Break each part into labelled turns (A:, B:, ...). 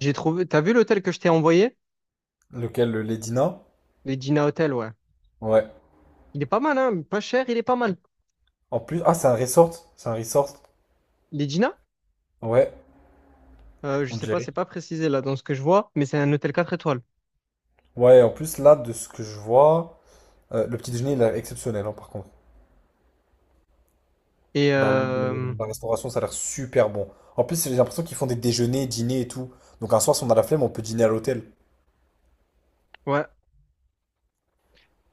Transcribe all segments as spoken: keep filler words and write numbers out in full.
A: J'ai trouvé. T'as vu l'hôtel que je t'ai envoyé?
B: Lequel, le Ledina?
A: L'Edina Hotel, ouais.
B: Ouais.
A: Il est pas mal, hein? Pas cher, il est pas mal.
B: En plus, ah, c'est un resort. C'est un resort.
A: L'Edina.
B: Ouais,
A: Euh, je
B: on
A: sais pas,
B: dirait.
A: c'est pas précisé là dans ce que je vois, mais c'est un hôtel quatre étoiles.
B: Ouais, en plus, là, de ce que je vois, euh, le petit déjeuner, il est exceptionnel, hein, par contre.
A: Et
B: Genre, le- le-
A: euh,
B: la restauration, ça a l'air super bon. En plus, j'ai l'impression qu'ils font des déjeuners, dîners et tout. Donc, un soir, si on a la flemme, on peut dîner à l'hôtel.
A: ouais.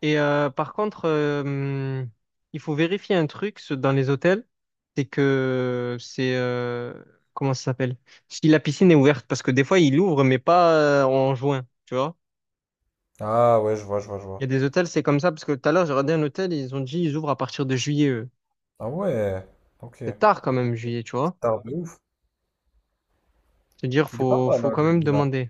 A: Et euh, par contre, euh, il faut vérifier un truc ce- dans les hôtels, c'est que c'est, euh, comment ça s'appelle? Si la piscine est ouverte, parce que des fois ils l'ouvrent, mais pas, euh, en juin, tu vois?
B: Ah, ouais, je vois, je vois, je
A: Il
B: vois.
A: y a des hôtels, c'est comme ça, parce que tout à l'heure j'ai regardé un hôtel, ils ont dit ils ouvrent à partir de juillet, eux.
B: Ah, ouais, ok.
A: C'est
B: C'est
A: tard quand même, juillet, tu vois?
B: un de ouf.
A: C'est-à-dire,
B: Il est pas
A: faut,
B: mal,
A: faut
B: hein,
A: quand
B: le
A: même
B: Ledina.
A: demander.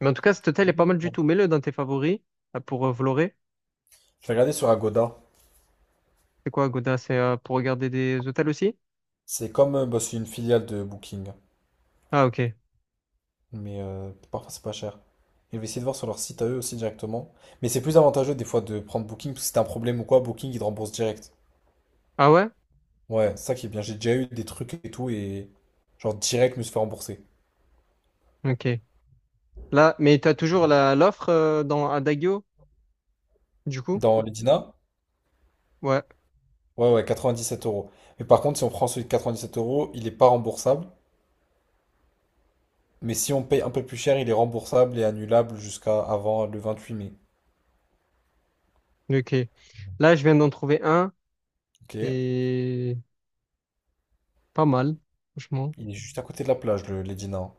A: Mais en tout cas, cet hôtel est
B: Vraiment
A: pas
B: pas
A: mal du
B: mal.
A: tout. Mets-le dans tes favoris, euh, pour, euh, Vloré.
B: Je vais regarder sur Agoda.
A: C'est quoi, Goda? C'est, euh, pour regarder des hôtels aussi?
B: C'est comme, euh, bah, c'est une filiale de Booking.
A: Ah, ok.
B: Mais euh, parfois c'est pas cher. Et je vais essayer de voir sur leur site à eux aussi directement. Mais c'est plus avantageux des fois de prendre Booking, parce que si t'as un problème ou quoi, Booking il te rembourse direct.
A: Ah ouais?
B: Ouais, c'est ça qui est bien. J'ai déjà eu des trucs et tout, et genre direct je me suis fait rembourser.
A: Ok. Là, mais t'as toujours la, l'offre, euh, dans Adagio, du coup?
B: Dans l'Edina,
A: Ouais.
B: ouais, ouais, quatre-vingt-dix-sept euros. Mais par contre, si on prend celui de sept euros, il est pas remboursable. Mais si on paye un peu plus cher, il est remboursable et annulable jusqu'à avant le vingt-huit mai.
A: Ok. Là, je viens d'en trouver un.
B: Ok.
A: C'est pas mal, franchement.
B: Il est juste à côté de la plage, le l'Edina.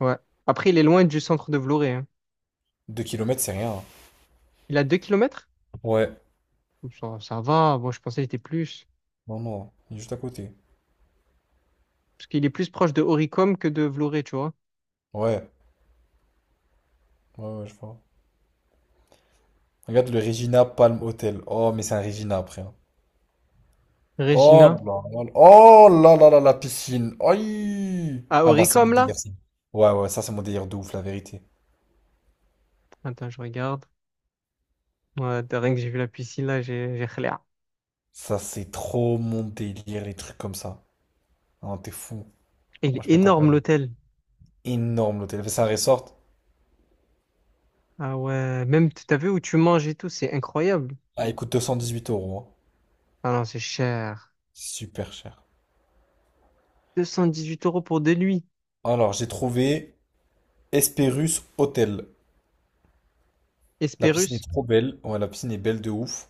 A: Ouais. Après, il est loin du centre de Vloré, hein.
B: Deux kilomètres, c'est rien, hein.
A: Il a deux kilomètres.
B: Ouais.
A: Ça, ça va. Moi, je pensais qu'il était plus.
B: Non, non, il est juste à côté.
A: Parce qu'il est plus proche de Oricom que de Vloré, tu vois.
B: Ouais, ouais, ouais, je vois. Regarde le Regina Palm Hotel. Oh, mais c'est un Regina après, hein. Oh
A: Regina.
B: là là là. Oh là là là, la piscine. Aïe.
A: Ah,
B: Ah, moi, c'est mon
A: Oricom,
B: délire,
A: là?
B: ça. Ouais, ouais, ça, c'est mon délire de ouf, la vérité.
A: Attends, je regarde. Ouais, de rien que j'ai vu la piscine, là, j'ai j'ai khléa.
B: Ça, c'est trop mon délire, les trucs comme ça. Non, t'es fou.
A: Il
B: Moi, je
A: est
B: pète un
A: énorme,
B: câble.
A: l'hôtel.
B: Énorme, l'hôtel. C'est un resort.
A: Ah ouais, même, t- t'as vu où tu manges et tout, c'est incroyable.
B: Ah, il coûte deux cent dix huit euros, hein.
A: Ah non, c'est cher.
B: Super cher.
A: deux cent dix-huit euros pour deux nuits.
B: Alors, j'ai trouvé Hesperus Hotel. La piscine
A: Hesperus.
B: est trop belle. Ouais, la piscine est belle de ouf,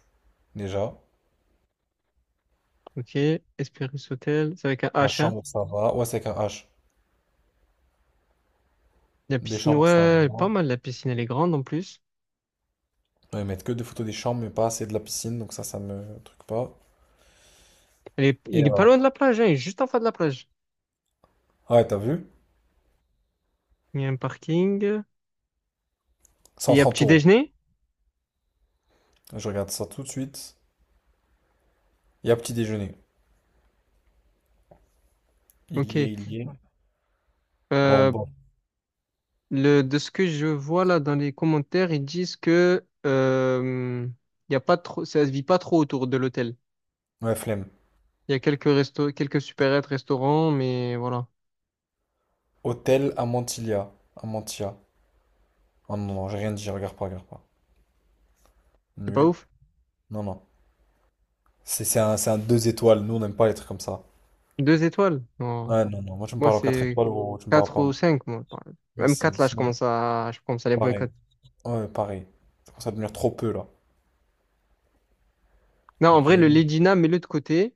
B: déjà.
A: Ok, Hesperus Hôtel. C'est avec un
B: La
A: H, hein.
B: chambre, ça va. Ouais, c'est avec un H.
A: La
B: Les
A: piscine,
B: chambres,
A: ouais,
B: ça va.
A: elle est pas mal. La piscine, elle est grande en plus.
B: Ouais, ils mettent que des photos des chambres, mais pas assez de la piscine, donc ça, ça me truc pas.
A: Elle est,
B: Et
A: il est pas loin de
B: alors?
A: la plage, hein. Il est juste en face de la plage.
B: Ouais, t'as vu?
A: Il y a un parking. Il
B: cent
A: y a
B: trente
A: petit
B: euros.
A: déjeuner.
B: Je regarde ça tout de suite. Il y a petit déjeuner. Il
A: Ok.
B: y est, il y est. Bon,
A: Euh,
B: bon.
A: Le, de ce que je vois là dans les commentaires, ils disent que, euh, y a pas trop, ça se vit pas trop autour de l'hôtel.
B: Ouais, flemme.
A: Il y a quelques restos, quelques supérettes, restaurants, mais voilà,
B: Hôtel Amantilia. Amantia. Oh non, non, j'ai rien dit, regarde pas, regarde pas.
A: c'est pas
B: Nul.
A: ouf.
B: Non, non. C'est c'est un, c'est un deux étoiles. Nous, on n'aime pas les trucs comme ça.
A: Deux étoiles? Non.
B: Ouais, non, non. Moi, tu me
A: Moi,
B: parles en quatre
A: c'est
B: étoiles ou tu me parles
A: quatre
B: pas,
A: ou
B: moi.
A: cinq, moi. par-
B: Ouais,
A: Même
B: c'est
A: quatre là,
B: c'est
A: je
B: bon.
A: commence à, je commence à les
B: Pareil.
A: boycotter.
B: Ouais, pareil. Ça commence à devenir trop peu, là.
A: Non, en
B: Ok.
A: vrai, le
B: Attends,
A: Legina, mets-le de côté.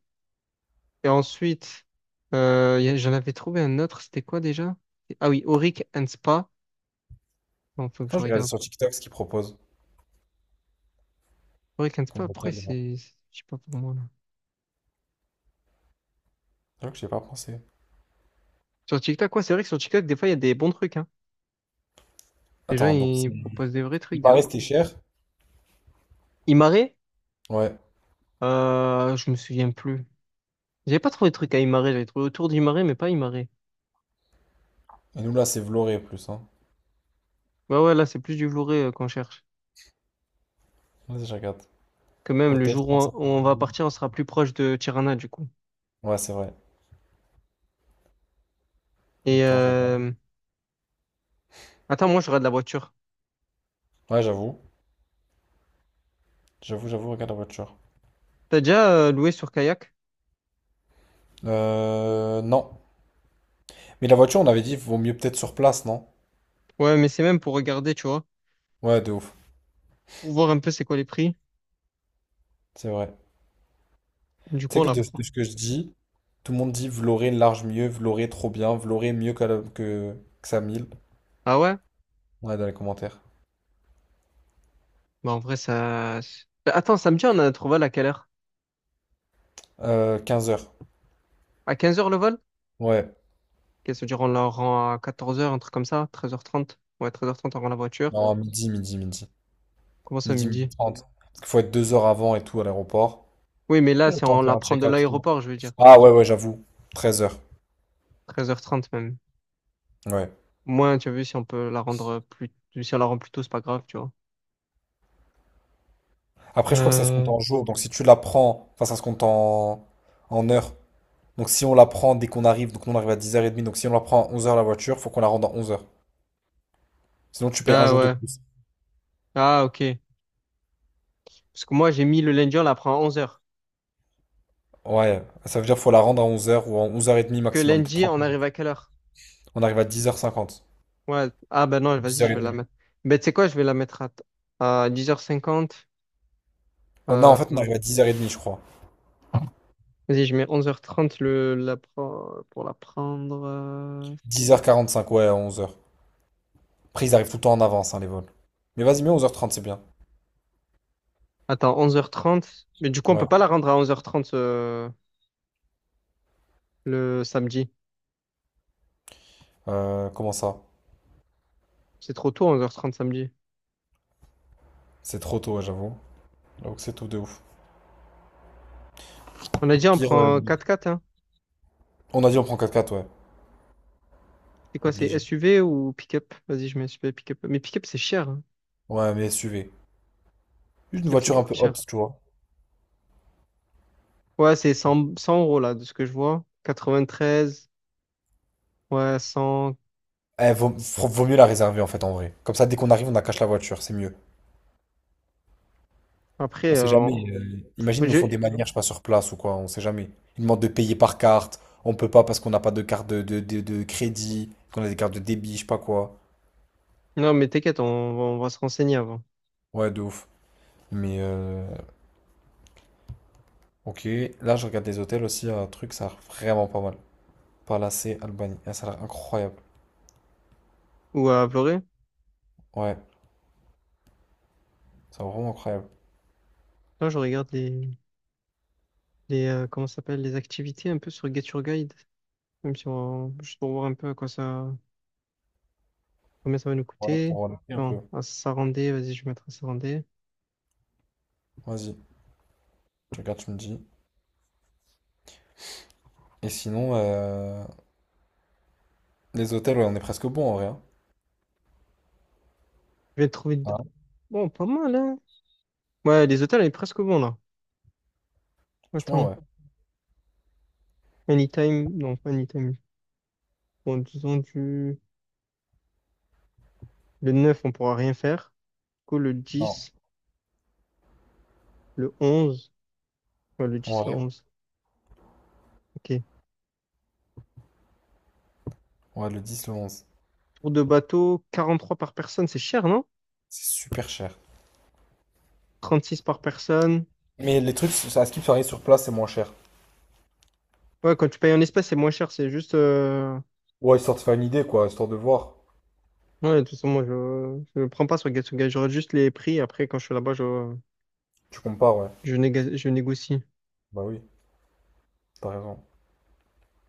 A: Et ensuite, euh, y a- j'en avais trouvé un autre. C'était quoi déjà? Ah oui, Auric and Spa. Non, faut que
B: je
A: je
B: regarde
A: regarde.
B: sur TikTok ce qu'ils proposent
A: Auric and Spa,
B: comme
A: après,
B: hôtel.
A: c'est, je sais pas pour moi.
B: J'avoue que j'ai pas pensé.
A: Sur TikTok, ouais, c'est vrai que sur TikTok, des fois, il y a des bons trucs, hein. Les gens,
B: Attends, donc
A: ils
B: c'est-
A: proposent des vrais
B: il
A: trucs, des
B: paraît
A: fois.
B: c'était cher.
A: Imare,
B: Ouais.
A: euh, je me souviens plus. J'avais pas trouvé de trucs à Imare, j'avais trouvé autour d'Imare, mais pas Imare.
B: Et nous là c'est Vloré plus, hein.
A: Ouais, ouais, là, c'est plus du Vloré, euh, qu'on cherche.
B: Vas-y, je regarde.
A: Que même le
B: Hôtel
A: jour où on,
B: trente-cinq.
A: où on va partir, on sera plus proche de Tirana, du coup.
B: Ouais, c'est vrai.
A: Et
B: Attends, je regarde.
A: euh... attends, moi, j'aurai de la voiture.
B: Ouais, j'avoue. J'avoue, j'avoue, regarde la voiture.
A: T'as déjà, euh, loué sur Kayak?
B: Euh. Non. Mais la voiture, on avait dit, vaut mieux peut-être sur place, non?
A: Ouais, mais c'est même pour regarder, tu vois,
B: Ouais, de ouf.
A: pour voir un peu c'est quoi les prix.
B: C'est vrai.
A: Du
B: Tu
A: coup,
B: sais
A: on
B: que
A: la
B: de, de
A: prend.
B: ce que je dis, tout le monde dit Vloré large mieux, Vloré trop bien, Vloré mieux que, la- que, que Samil.
A: Ah ouais?
B: Ouais, dans les commentaires.
A: Bah, en vrai, ça. Bah, attends, samedi, on a trouvé à quelle heure?
B: Euh, quinze heures.
A: À quinze heures le vol?
B: Ouais.
A: Qu'est-ce que ça veut dire, on la rend à quatorze heures, un truc comme ça, treize heures trente. Ouais, treize heures trente, on rend la voiture.
B: Non, midi, midi, midi.
A: Comment
B: Ni
A: ça,
B: midi, midi
A: midi?
B: trente. Parce qu'il faut être deux heures avant et tout à l'aéroport.
A: Oui, mais là,
B: Et le
A: c'est
B: temps
A: on
B: de faire
A: la
B: un
A: prend de
B: check-out et tout.
A: l'aéroport, je veux dire.
B: Ah ouais, ouais, j'avoue. treize heures.
A: Treize heures trente même.
B: Ouais.
A: Moins, tu as vu, si on peut la rendre plus, si on la rend plus tôt, c'est pas grave, tu vois.
B: Après, je crois que ça se compte
A: Euh...
B: en jours. Donc si tu la prends, enfin, ça se compte en, en heures. Donc si on la prend dès qu'on arrive, donc nous on arrive à dix heures trente. Donc si on la prend à onze heures la voiture, faut qu'on la rende à onze heures. Sinon, tu payes un
A: Ah
B: jour de
A: ouais.
B: plus.
A: Ah, ok. Parce que moi, j'ai mis le lundi, on la prend à onze heures.
B: Ouais. Ça veut dire qu'il faut la rendre à onze heures ou à onze heures trente
A: Que
B: maximum. T'as
A: lundi, on arrive à quelle heure?
B: On arrive à dix heures cinquante.
A: Ouais. Ah, ben non, vas-y, je vais la
B: dix heures trente.
A: mettre. Ben, tu sais quoi, je vais la mettre à, à dix heures cinquante.
B: Non, en fait, on
A: Euh...
B: arrive à dix heures trente, je crois.
A: Vas-y, je mets onze heures trente le, la, pre- pour la prendre. euh,
B: dix heures quarante-cinq, ouais, à onze heures. Après, ils arrivent tout le temps en avance, hein, les vols. Mais vas-y, mets onze heures trente, c'est bien.
A: Attends, onze heures trente. Mais du coup, on peut
B: Ouais.
A: pas la rendre à onze heures trente, euh, le samedi.
B: Euh, comment ça?
A: C'est trop tôt, onze heures trente samedi.
B: C'est trop tôt, ouais, j'avoue. J'avoue que c'est tout de ouf.
A: On a dit on
B: Pire, euh,
A: prend un quatre x, hein.
B: on a dit on prend quatre x ouais.
A: C'est quoi, c'est
B: Obligé.
A: S U V ou pick-up? Vas-y, je mets S U V, pick-up. Mais pick-up, c'est cher, hein.
B: Ouais, mais S U V. Juste une
A: Pick-up, c'est
B: voiture un
A: grave
B: peu haute,
A: cher.
B: tu vois.
A: Ouais, c'est cent cent euros, là, de ce que je vois. Quatre-vingt-treize, ouais, cent.
B: Eh, vaut, faut- vaut mieux la réserver, en fait, en vrai. Comme ça, dès qu'on arrive, on cache la voiture, c'est mieux.
A: Après,
B: On sait
A: euh,
B: jamais.
A: on-
B: Euh, imagine, ils nous font des
A: je-
B: manières, je sais pas, sur place ou quoi, on sait jamais. Ils demandent de payer par carte. On peut pas parce qu'on n'a pas de carte de, de, de, de crédit, qu'on a des cartes de débit, je sais pas quoi.
A: non, mais t'inquiète, on, on va se renseigner avant.
B: Ouais, de ouf. Mais euh, ok, là je regarde des hôtels aussi, un truc, ça a l'air vraiment pas mal. Palacé, Albanie, ah, ça a l'air incroyable.
A: Ou à Vloré.
B: Ouais, ça a l'air vraiment incroyable.
A: Là, je regarde les, les euh, comment ça s'appelle, les activités un peu sur Get Your Guide. Même si on, juste pour voir un peu à quoi ça. Combien ça va nous
B: Ouais,
A: coûter?
B: pour le prix un
A: Non,
B: peu.
A: à Sarandé, vas-y, je vais mettre à Sarandé.
B: Vas-y, je regarde, tu me dis. Et sinon, euh, les hôtels, ouais, on est presque bon en vrai, hein.
A: Je vais trouver. d- Bon, pas mal, hein? Ouais, les hôtels, elle est presque bon, là.
B: Franchement,
A: Attends.
B: ouais.
A: Anytime. Non, pas Anytime. Bon, disons du. Le neuf on pourra rien faire. Du coup, le
B: Non,
A: dix le onze. Ouais, le
B: en
A: dix le
B: vrai,
A: onze Ok.
B: ouais, le dix le onze.
A: Tour de bateau, trois par personne, c'est cher, non?
B: C'est super cher.
A: Trente six par personne.
B: Mais les trucs, ça- à ce qui arrive sur place, c'est moins cher.
A: Ouais, quand tu payes en espèces, c'est moins cher. C'est juste. euh,
B: Ouais, histoire de faire une idée, quoi, histoire de voir.
A: Ouais, tout ça, moi, je je prends pas sur Gatsugai. J'aurais juste les prix. Après, quand je suis là-bas, je,
B: Tu compares, ouais.
A: je, néga- je négocie.
B: Bah oui, t'as raison.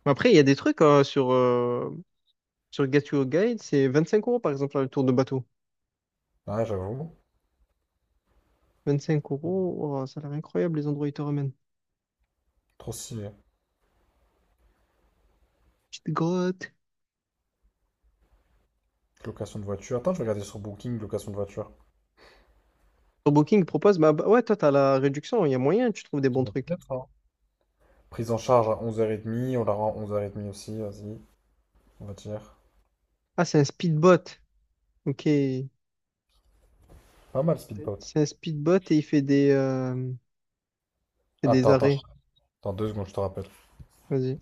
A: Mais après, il y a des trucs, euh, sur, euh, sur Gatsugai. C'est vingt-cinq euros, par exemple, le tour de bateau.
B: Ouais, j'avoue.
A: vingt-cinq euros, oh, ça a l'air incroyable, les endroits où ils te ramènent.
B: Trop stylé.
A: Petite grotte.
B: Location de voiture. Attends, je vais regarder sur Booking, location de voiture.
A: Sur Booking propose, bah, bah, ouais, toi, t'as la réduction. Il y a moyen, tu trouves des bons trucs.
B: Prise en charge à onze heures trente, on la rend onze heures trente aussi, vas-y, on va dire.
A: Ah, c'est un speedbot. Ok.
B: Pas mal, Speedbot.
A: C'est un speedbot et il fait des, euh, fait des
B: Attends, attends, je-
A: arrêts.
B: attends deux secondes, je te rappelle.
A: Vas-y.